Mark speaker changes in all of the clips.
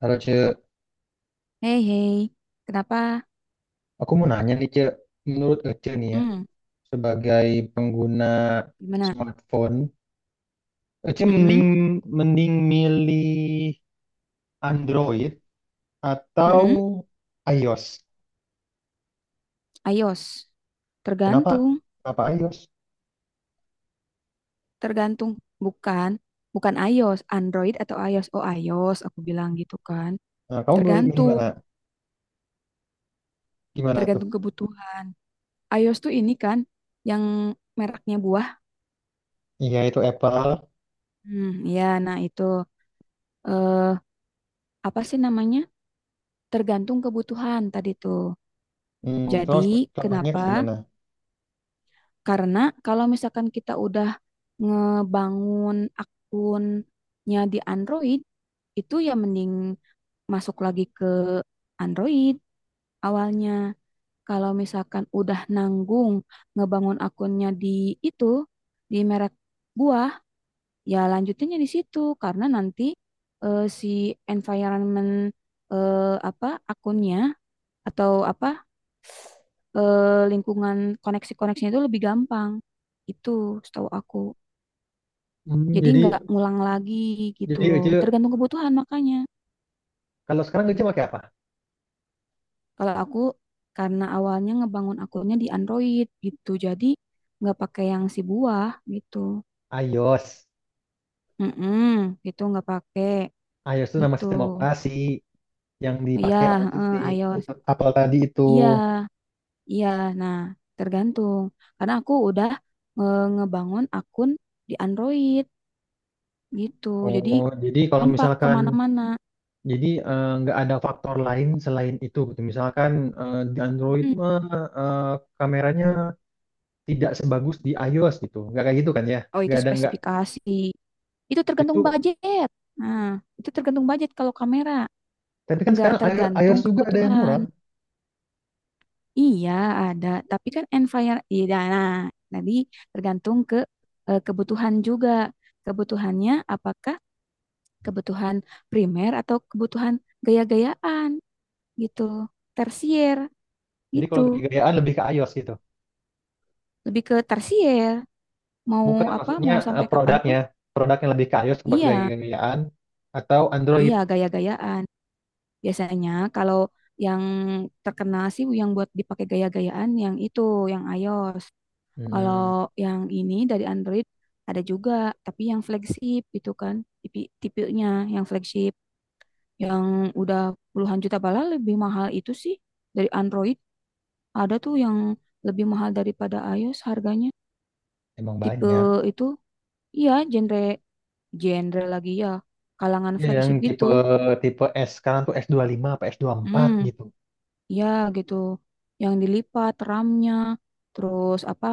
Speaker 1: Halo Ce,
Speaker 2: Hei, hei, kenapa?
Speaker 1: aku mau nanya nih Ce, menurut Ece nih ya,
Speaker 2: Mm,
Speaker 1: sebagai pengguna
Speaker 2: Gimana?
Speaker 1: smartphone, Ece
Speaker 2: Mm-mm,
Speaker 1: mending mending milih Android atau
Speaker 2: mm-mm,
Speaker 1: iOS.
Speaker 2: iOS.
Speaker 1: Kenapa?
Speaker 2: Tergantung,
Speaker 1: Kenapa iOS?
Speaker 2: tergantung. Bukan, bukan iOS, Android atau iOS. Oh, iOS, aku bilang gitu kan.
Speaker 1: Nah, kamu milih
Speaker 2: Tergantung,
Speaker 1: mana? Gimana tuh?
Speaker 2: tergantung kebutuhan. iOS tuh ini kan, yang mereknya buah.
Speaker 1: Iya itu Apple.
Speaker 2: Hmm, ya, nah itu. Eh, Apa sih namanya? Tergantung kebutuhan tadi tuh.
Speaker 1: Hmm, terus
Speaker 2: Jadi,
Speaker 1: contohnya kayak
Speaker 2: kenapa?
Speaker 1: gimana?
Speaker 2: Karena kalau misalkan kita udah ngebangun akunnya di Android, itu ya mending masuk lagi ke Android awalnya. Kalau misalkan udah nanggung ngebangun akunnya di itu, di merek buah, ya lanjutinnya di situ. Karena nanti si environment apa akunnya atau apa lingkungan koneksi-koneksinya itu lebih gampang. Itu setahu aku.
Speaker 1: Hmm,
Speaker 2: Jadi
Speaker 1: jadi
Speaker 2: nggak ngulang lagi gitu
Speaker 1: jadi
Speaker 2: loh.
Speaker 1: Ece
Speaker 2: Tergantung kebutuhan makanya.
Speaker 1: kalau sekarang Ece pakai apa?
Speaker 2: Kalau aku karena awalnya ngebangun akunnya di Android gitu. Jadi nggak pakai yang si buah gitu.
Speaker 1: iOS.
Speaker 2: Mm-mm, gitu nggak pakai
Speaker 1: iOS itu nama
Speaker 2: gitu.
Speaker 1: sistem operasi yang
Speaker 2: Iya,
Speaker 1: dipakai oleh si
Speaker 2: heeh,
Speaker 1: itu
Speaker 2: iOS.
Speaker 1: Apple tadi itu.
Speaker 2: Iya, iya. Nah, tergantung. Karena aku udah ngebangun akun di Android gitu. Jadi
Speaker 1: Oh, jadi kalau
Speaker 2: gampang
Speaker 1: misalkan
Speaker 2: kemana-mana.
Speaker 1: jadi nggak ada faktor lain selain itu, gitu. Misalkan di Android
Speaker 2: mm
Speaker 1: mah eh, kameranya tidak sebagus di iOS gitu, nggak kayak gitu kan ya?
Speaker 2: Oh, itu
Speaker 1: Nggak ada nggak
Speaker 2: spesifikasi. Itu tergantung
Speaker 1: itu.
Speaker 2: budget. Nah, itu tergantung budget kalau kamera.
Speaker 1: Tapi kan
Speaker 2: Nggak
Speaker 1: sekarang
Speaker 2: tergantung
Speaker 1: iOS juga ada yang
Speaker 2: kebutuhan.
Speaker 1: murah.
Speaker 2: Iya, ada. Tapi kan environment, iya, nah, tadi tergantung ke kebutuhan juga. Kebutuhannya apakah kebutuhan primer atau kebutuhan gaya-gayaan gitu. Tersier
Speaker 1: Jadi
Speaker 2: gitu.
Speaker 1: kalau gaya-gayaan lebih ke iOS gitu,
Speaker 2: Lebih ke tersier. Mau
Speaker 1: bukan
Speaker 2: apa,
Speaker 1: maksudnya
Speaker 2: mau sampai kapanpun,
Speaker 1: produknya, produknya lebih ke iOS buat
Speaker 2: iya,
Speaker 1: gaya-gayaan atau
Speaker 2: iya
Speaker 1: Android.
Speaker 2: gaya-gayaan. Biasanya kalau yang terkenal sih yang buat dipakai gaya-gayaan yang itu, yang iOS. Kalau
Speaker 1: Mm-mm.
Speaker 2: yang ini dari Android ada juga, tapi yang flagship itu kan, tipe tipenya yang flagship yang udah puluhan juta bala lebih mahal itu sih dari Android. Ada tuh yang lebih mahal daripada iOS harganya.
Speaker 1: Emang
Speaker 2: Tipe
Speaker 1: banyak.
Speaker 2: itu, iya genre genre lagi ya, kalangan
Speaker 1: Ya, yang
Speaker 2: flagship gitu.
Speaker 1: tipe tipe S sekarang tuh S25 apa S24
Speaker 2: Hmm.
Speaker 1: gitu.
Speaker 2: Ya gitu, yang dilipat RAM-nya, terus apa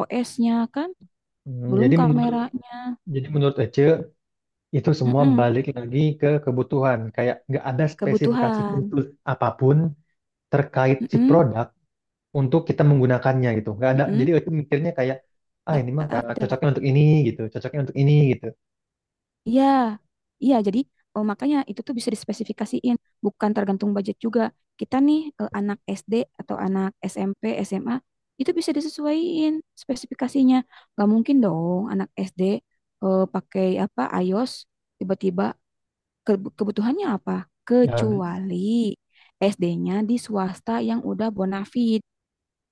Speaker 2: OS-nya kan,
Speaker 1: Hmm,
Speaker 2: belum
Speaker 1: jadi menurut
Speaker 2: kameranya.
Speaker 1: Jadi menurut Ece, itu semua
Speaker 2: Mm-mm,
Speaker 1: balik lagi ke kebutuhan. Kayak nggak ada spesifikasi
Speaker 2: kebutuhan.
Speaker 1: khusus apapun terkait si
Speaker 2: Mm-mm,
Speaker 1: produk untuk kita menggunakannya gitu. Nggak ada.
Speaker 2: mm-mm,
Speaker 1: Jadi Ece mikirnya kayak, ah
Speaker 2: nggak
Speaker 1: ini mah karena
Speaker 2: ada.
Speaker 1: cocoknya untuk ini gitu, cocoknya untuk ini gitu.
Speaker 2: Iya, iya. Jadi makanya itu tuh bisa dispesifikasiin, bukan tergantung budget juga. Kita nih anak SD atau anak SMP, SMA itu bisa disesuaiin spesifikasinya. Gak mungkin dong anak SD pakai apa iOS tiba-tiba. Kebutuhannya apa?
Speaker 1: Ya,
Speaker 2: Kecuali SD-nya di swasta yang udah bonafit,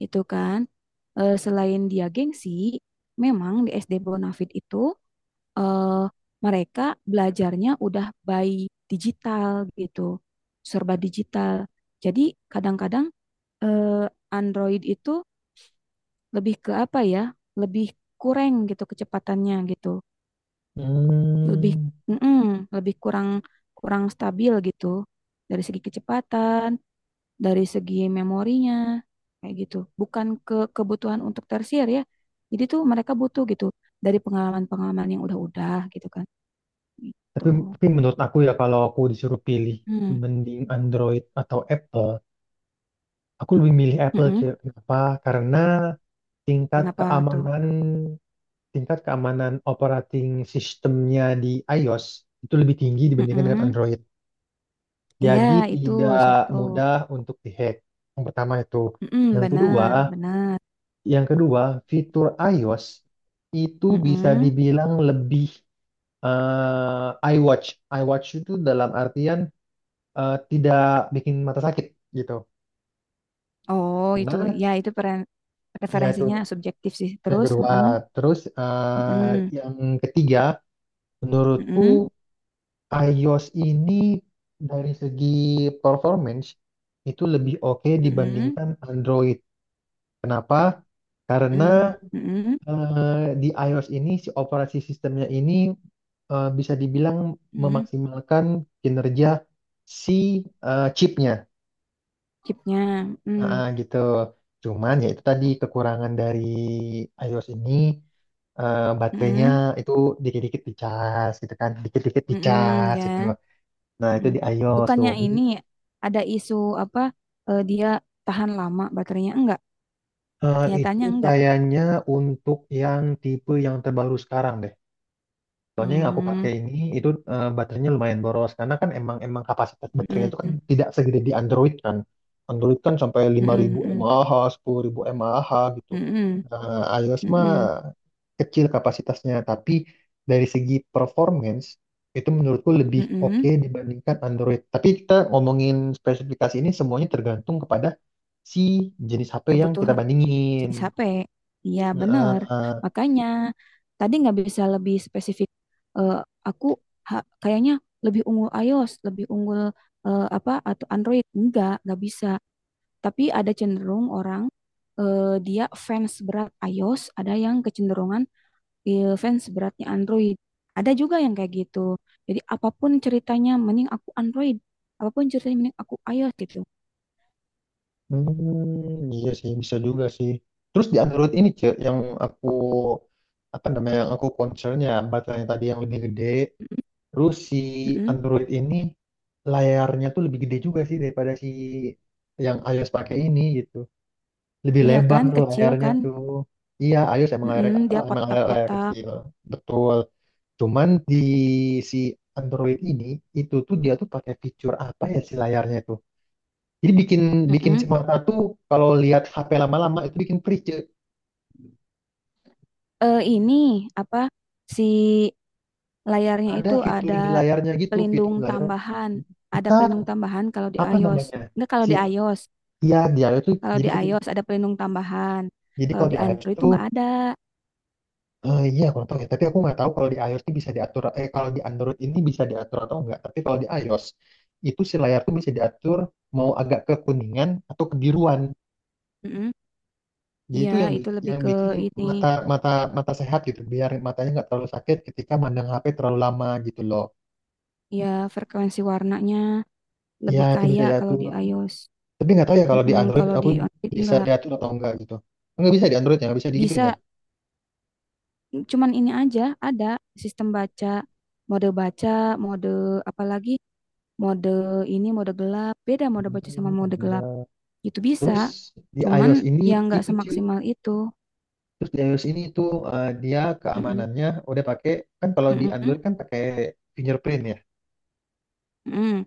Speaker 2: itu kan. Selain dia gengsi, memang di SD bonafit itu eh, mereka belajarnya udah by digital gitu, serba digital. Jadi kadang-kadang eh, Android itu lebih ke apa ya? Lebih kurang gitu kecepatannya gitu. Lebih,
Speaker 1: hmm,
Speaker 2: mm-mm, lebih kurang kurang stabil gitu dari segi kecepatan, dari segi memorinya kayak gitu. Bukan ke kebutuhan untuk tersier ya. Jadi tuh mereka butuh gitu dari pengalaman-pengalaman yang udah-udah gitu kan. Gitu.
Speaker 1: tapi, tapi menurut aku ya kalau aku disuruh pilih
Speaker 2: Mm,
Speaker 1: mending Android atau Apple, aku lebih milih Apple. Ci.
Speaker 2: mm-mm.
Speaker 1: Kenapa? Karena tingkat
Speaker 2: Kenapa tuh?
Speaker 1: keamanan tingkat keamanan operating sistemnya di iOS itu lebih tinggi dibandingkan dengan
Speaker 2: Mm-mm.
Speaker 1: Android.
Speaker 2: Iya,
Speaker 1: Jadi
Speaker 2: itu
Speaker 1: tidak
Speaker 2: satu.
Speaker 1: mudah untuk dihack. Yang pertama itu.
Speaker 2: Mm-mm,
Speaker 1: Yang kedua,
Speaker 2: benar, benar.
Speaker 1: yang kedua fitur iOS itu bisa
Speaker 2: Mm-mm.
Speaker 1: dibilang lebih iWatch. iWatch itu dalam artian tidak bikin mata sakit gitu.
Speaker 2: Oh, itu
Speaker 1: Nah,
Speaker 2: ya itu
Speaker 1: ya itu
Speaker 2: referensinya subjektif sih.
Speaker 1: yang
Speaker 2: Terus,
Speaker 1: kedua.
Speaker 2: mm-mm,
Speaker 1: Terus
Speaker 2: mm-mm,
Speaker 1: yang ketiga, menurutku
Speaker 2: mm-mm,
Speaker 1: iOS ini dari segi performance itu lebih oke
Speaker 2: mm-mm.
Speaker 1: dibandingkan Android. Kenapa? Karena
Speaker 2: Mmm, mhm
Speaker 1: di iOS ini si operasi sistemnya ini bisa dibilang
Speaker 2: mhm,
Speaker 1: memaksimalkan kinerja si chipnya,
Speaker 2: chipnya mmm,
Speaker 1: Gitu. Cuman ya itu tadi kekurangan dari iOS ini baterainya
Speaker 2: mhm
Speaker 1: itu dikit-dikit dicas gitu kan, dikit-dikit
Speaker 2: mhm,
Speaker 1: dicas gitu.
Speaker 2: kan,
Speaker 1: Nah, itu
Speaker 2: mhm.
Speaker 1: di iOS tuh.
Speaker 2: Bukannya ini ada isu apa, dia tahan lama baterainya, enggak?
Speaker 1: Itu
Speaker 2: Kenyataannya enggak?
Speaker 1: kayaknya untuk yang tipe yang terbaru sekarang deh. Soalnya yang aku
Speaker 2: Mmm,
Speaker 1: pakai ini itu baterainya lumayan boros karena kan emang emang kapasitas baterainya itu kan
Speaker 2: mhm
Speaker 1: tidak segede di Android kan. Android kan sampai
Speaker 2: mhm
Speaker 1: 5.000
Speaker 2: mhm
Speaker 1: mAh, 10.000 mAh gitu.
Speaker 2: mhm
Speaker 1: iOS mah
Speaker 2: mhm
Speaker 1: kecil kapasitasnya tapi dari segi performance itu menurutku lebih oke
Speaker 2: mhm,
Speaker 1: dibandingkan Android. Tapi kita ngomongin spesifikasi ini semuanya tergantung kepada si jenis HP yang kita
Speaker 2: kebutuhan
Speaker 1: bandingin.
Speaker 2: jenis HP. Iya bener,
Speaker 1: Nah,
Speaker 2: makanya tadi nggak bisa lebih spesifik, eee, aku ha kayaknya lebih unggul iOS, lebih unggul, apa, atau Android, enggak, nggak bisa. Tapi ada cenderung orang dia fans berat iOS, ada yang kecenderungan fans beratnya Android. Ada juga yang kayak gitu. Jadi apapun ceritanya mending aku Android, apapun ceritanya mending aku iOS gitu.
Speaker 1: iya sih bisa juga sih. Terus di Android ini cek yang aku apa namanya yang aku concernnya baterainya tadi yang lebih gede.
Speaker 2: Mm-mm,
Speaker 1: Terus si
Speaker 2: mm-mm.
Speaker 1: Android ini layarnya tuh lebih gede juga sih daripada si yang iOS pakai ini gitu. Lebih
Speaker 2: Iya
Speaker 1: lebar
Speaker 2: kan,
Speaker 1: tuh
Speaker 2: kecil
Speaker 1: layarnya
Speaker 2: kan.
Speaker 1: tuh. Iya, iOS
Speaker 2: Mm-mm, dia
Speaker 1: emang layar
Speaker 2: kotak-kotak.
Speaker 1: kecil. Betul. Cuman di si Android ini itu tuh dia tuh pakai fitur apa ya si layarnya itu? Jadi bikin bikin si
Speaker 2: Mm-mm.
Speaker 1: mata tuh kalau lihat HP lama-lama itu bikin perih. Ce.
Speaker 2: Ini apa si layarnya
Speaker 1: Ada
Speaker 2: itu
Speaker 1: fitur di layarnya gitu, fitur
Speaker 2: pelindung
Speaker 1: di layarnya.
Speaker 2: tambahan, ada
Speaker 1: Kita
Speaker 2: pelindung tambahan kalau di
Speaker 1: apa
Speaker 2: iOS.
Speaker 1: namanya?
Speaker 2: Enggak kalau
Speaker 1: Si
Speaker 2: di iOS.
Speaker 1: ya di iOS tuh
Speaker 2: Kalau
Speaker 1: jadi
Speaker 2: di
Speaker 1: kita
Speaker 2: iOS ada pelindung tambahan.
Speaker 1: jadi
Speaker 2: Kalau
Speaker 1: kalau
Speaker 2: di
Speaker 1: di iOS
Speaker 2: Android itu
Speaker 1: tuh
Speaker 2: nggak ada.
Speaker 1: iya aku nggak tahu ya, tapi aku nggak tahu kalau di iOS tuh bisa diatur kalau di Android ini bisa diatur atau enggak. Tapi kalau di iOS itu si layar tuh bisa diatur mau agak ke kuningan atau kebiruan.
Speaker 2: Mm-mm.
Speaker 1: Jadi
Speaker 2: Iya,
Speaker 1: itu yang
Speaker 2: itu lebih
Speaker 1: yang
Speaker 2: ke
Speaker 1: bikin
Speaker 2: ini.
Speaker 1: mata mata mata sehat gitu, biar matanya nggak terlalu sakit ketika mandang HP terlalu lama gitu loh.
Speaker 2: Ya, frekuensi warnanya
Speaker 1: Ya
Speaker 2: lebih
Speaker 1: itu bisa
Speaker 2: kaya kalau di
Speaker 1: diatur.
Speaker 2: iOS.
Speaker 1: Tapi nggak tahu ya kalau di
Speaker 2: Mm-mm,
Speaker 1: Android
Speaker 2: kalau di
Speaker 1: aku
Speaker 2: Android
Speaker 1: bisa
Speaker 2: nggak.
Speaker 1: diatur atau enggak gitu. Nggak bisa di Android ya, nggak bisa digituin ya.
Speaker 2: Bisa, cuman ini aja ada sistem baca, mode apalagi mode ini, mode gelap. Beda mode baca sama
Speaker 1: Hmm,
Speaker 2: mode gelap.
Speaker 1: ada.
Speaker 2: Itu bisa,
Speaker 1: Terus di
Speaker 2: cuman
Speaker 1: iOS ini
Speaker 2: yang nggak
Speaker 1: itu Ci.
Speaker 2: semaksimal itu.
Speaker 1: Terus di iOS ini itu dia
Speaker 2: Mm-mm,
Speaker 1: keamanannya udah pakai kan kalau di
Speaker 2: mm-mm,
Speaker 1: Android kan pakai fingerprint ya.
Speaker 2: mm-mm,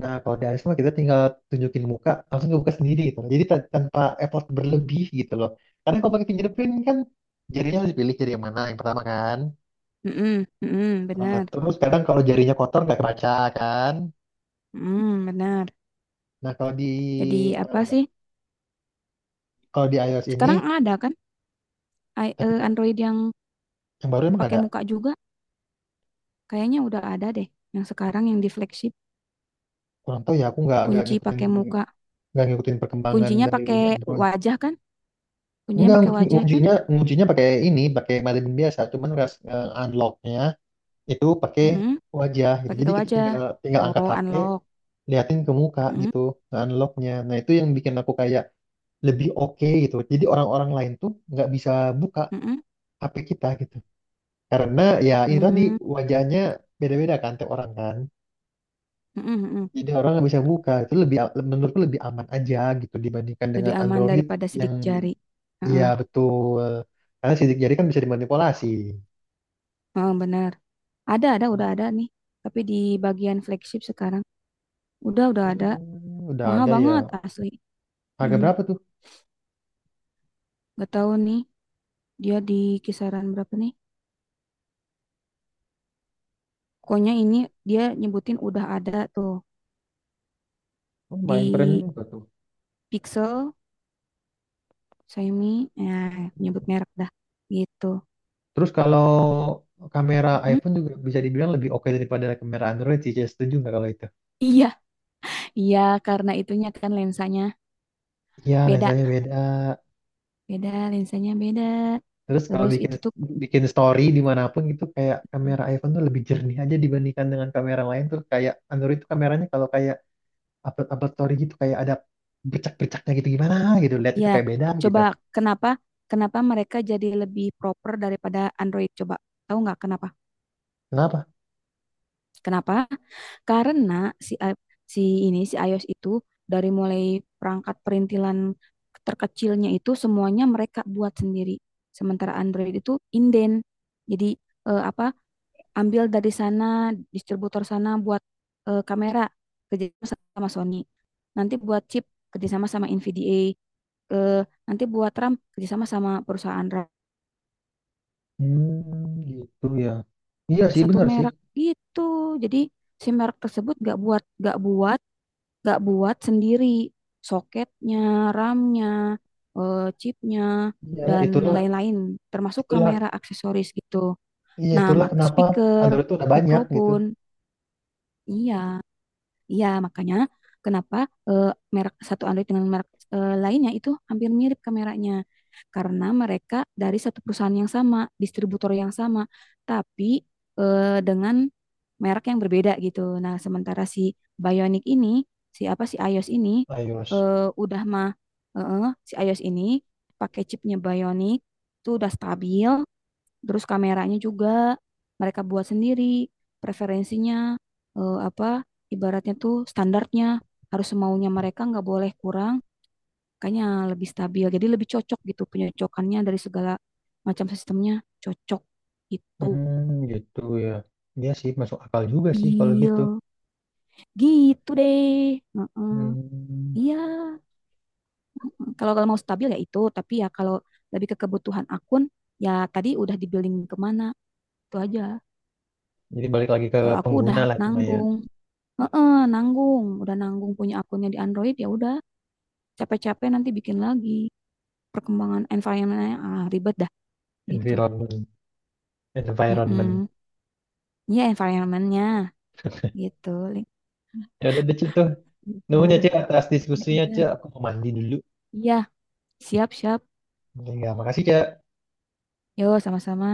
Speaker 1: Nah kalau di iOS mah kita tinggal tunjukin muka langsung kebuka sendiri gitu. Jadi tanpa effort berlebih gitu loh. Karena kalau pakai fingerprint kan jarinya harus dipilih jari yang mana yang pertama kan.
Speaker 2: mm-mm, mm-mm,
Speaker 1: Nah,
Speaker 2: benar.
Speaker 1: terus kadang kalau jarinya kotor nggak kebaca kan.
Speaker 2: Hmm, benar.
Speaker 1: Nah,
Speaker 2: Jadi apa
Speaker 1: eh,
Speaker 2: sih?
Speaker 1: kalau di iOS ini
Speaker 2: Sekarang ada kan
Speaker 1: tapi
Speaker 2: Android yang
Speaker 1: yang baru emang
Speaker 2: pakai
Speaker 1: ada.
Speaker 2: muka juga? Kayaknya udah ada deh. Yang sekarang yang di flagship
Speaker 1: Kurang tahu ya, aku nggak nggak
Speaker 2: kunci
Speaker 1: ngikutin
Speaker 2: pakai muka.
Speaker 1: nggak ngikutin perkembangan
Speaker 2: Kuncinya
Speaker 1: dari
Speaker 2: pakai
Speaker 1: Android.
Speaker 2: wajah kan? Kuncinya
Speaker 1: Enggak,
Speaker 2: pakai
Speaker 1: ngunci-
Speaker 2: wajah kan?
Speaker 1: nguncinya nguncinya pakai ini, pakai Maven biasa, cuman unlocknya itu pakai
Speaker 2: Mm-mm,
Speaker 1: wajah gitu.
Speaker 2: pakai
Speaker 1: Jadi kita
Speaker 2: wajah.
Speaker 1: tinggal tinggal angkat
Speaker 2: Oh,
Speaker 1: HP,
Speaker 2: unlock.
Speaker 1: liatin ke muka
Speaker 2: Mm-mm,
Speaker 1: gitu, nge-unlocknya. Nah, itu yang bikin aku kayak lebih oke gitu. Jadi orang-orang lain tuh nggak bisa buka
Speaker 2: mm-mm,
Speaker 1: HP kita gitu. Karena ya ini tadi
Speaker 2: mm,
Speaker 1: wajahnya beda-beda kan tiap orang kan.
Speaker 2: mm-mm, mm-mm.
Speaker 1: Jadi orang nggak bisa buka itu lebih menurutku lebih aman aja gitu dibandingkan dengan
Speaker 2: Lebih aman
Speaker 1: Android
Speaker 2: daripada
Speaker 1: yang
Speaker 2: sidik jari.
Speaker 1: iya
Speaker 2: Mm-mm,
Speaker 1: betul karena sidik jari kan bisa dimanipulasi.
Speaker 2: mm, benar. Ada, udah ada nih. Tapi di bagian flagship sekarang udah ada.
Speaker 1: Hmm, udah
Speaker 2: Mahal
Speaker 1: ada ya,
Speaker 2: banget asli.
Speaker 1: harga
Speaker 2: Mm,
Speaker 1: berapa tuh?
Speaker 2: gak tahu nih dia di kisaran berapa nih? Pokoknya ini dia nyebutin udah ada tuh
Speaker 1: Oh, main keren
Speaker 2: di
Speaker 1: juga tuh.
Speaker 2: Pixel, Xiaomi, nah nyebut merek dah gitu.
Speaker 1: Terus kalau kamera
Speaker 2: Mm-mm.
Speaker 1: iPhone juga bisa dibilang lebih oke daripada kamera Android sih, saya setuju nggak kalau itu,
Speaker 2: Iya, iya karena itunya kan lensanya
Speaker 1: iya
Speaker 2: beda,
Speaker 1: lensanya beda.
Speaker 2: beda lensanya beda.
Speaker 1: Terus kalau
Speaker 2: Terus
Speaker 1: bikin
Speaker 2: itu tuh.
Speaker 1: bikin story dimanapun gitu kayak
Speaker 2: Hmm.
Speaker 1: kamera iPhone tuh lebih jernih aja dibandingkan dengan kamera lain tuh, kayak Android tuh kameranya kalau kayak upload upload story gitu kayak ada bercak bercaknya gitu, gimana gitu, lihat itu
Speaker 2: Ya
Speaker 1: kayak beda gitu.
Speaker 2: coba, kenapa kenapa mereka jadi lebih proper daripada Android coba. Tahu nggak kenapa?
Speaker 1: Kenapa?
Speaker 2: Kenapa? Karena si i- si si iOS itu dari mulai perangkat perintilan terkecilnya itu semuanya mereka buat sendiri. Sementara Android itu inden. Jadi apa ambil dari sana distributor sana buat kamera kerjasama sama Sony. Nanti buat chip kerjasama sama NVDA. Eh, Nanti buat RAM kerjasama sama perusahaan RAM
Speaker 1: Hmm, gitu ya, iya sih
Speaker 2: satu
Speaker 1: benar sih,
Speaker 2: merek gitu. Jadi si merek tersebut gak buat nggak buat sendiri soketnya, ramnya chipnya,
Speaker 1: iya
Speaker 2: dan
Speaker 1: itulah
Speaker 2: lain-lain, termasuk
Speaker 1: itulah
Speaker 2: kamera aksesoris gitu.
Speaker 1: iya
Speaker 2: Nah,
Speaker 1: itulah
Speaker 2: mak
Speaker 1: kenapa
Speaker 2: speaker,
Speaker 1: Android tuh udah banyak gitu.
Speaker 2: mikrofon, iya. Iya, makanya kenapa eh, merek satu Android dengan merek lainnya itu hampir mirip kameranya. Karena mereka dari satu perusahaan yang sama, distributor yang sama, tapi dengan merek yang berbeda gitu. Nah, sementara si Bionic ini, si apa si iOS ini
Speaker 1: iOS.
Speaker 2: eh, udah mah, si iOS ini pakai chipnya Bionic itu udah stabil. Terus kameranya juga mereka buat sendiri, preferensinya apa ibaratnya tuh standarnya harus semaunya mereka nggak boleh kurang, kayaknya lebih stabil. Jadi lebih cocok gitu penyocokannya dari segala macam sistemnya cocok gitu.
Speaker 1: Hmm, gitu ya, iya sih masuk akal juga sih kalau gitu.
Speaker 2: Stabil. Gitu deh. Heeh.
Speaker 1: Hmm,
Speaker 2: Iya. Heeh. Kalau kalau mau stabil ya itu, tapi ya kalau lebih ke kebutuhan akun ya tadi udah di building kemana itu aja.
Speaker 1: jadi balik lagi ke
Speaker 2: Kalau aku udah
Speaker 1: pengguna lah, cuma ya
Speaker 2: nanggung. Heeh, nanggung, udah nanggung punya akunnya di Android ya udah capek-capek nanti bikin lagi perkembangan environmentnya ah ribet dah gitu.
Speaker 1: environment environment
Speaker 2: Mm-mm. Ya environmentnya gitu. Link.
Speaker 1: ya udah deh Cik, tuh. Nuhun ya
Speaker 2: Gitu.
Speaker 1: Cik atas
Speaker 2: Ya
Speaker 1: diskusinya
Speaker 2: udah.
Speaker 1: Cik, aku mau mandi dulu.
Speaker 2: Iya, siap-siap.
Speaker 1: Ya, makasih Cik.
Speaker 2: Yo, sama-sama.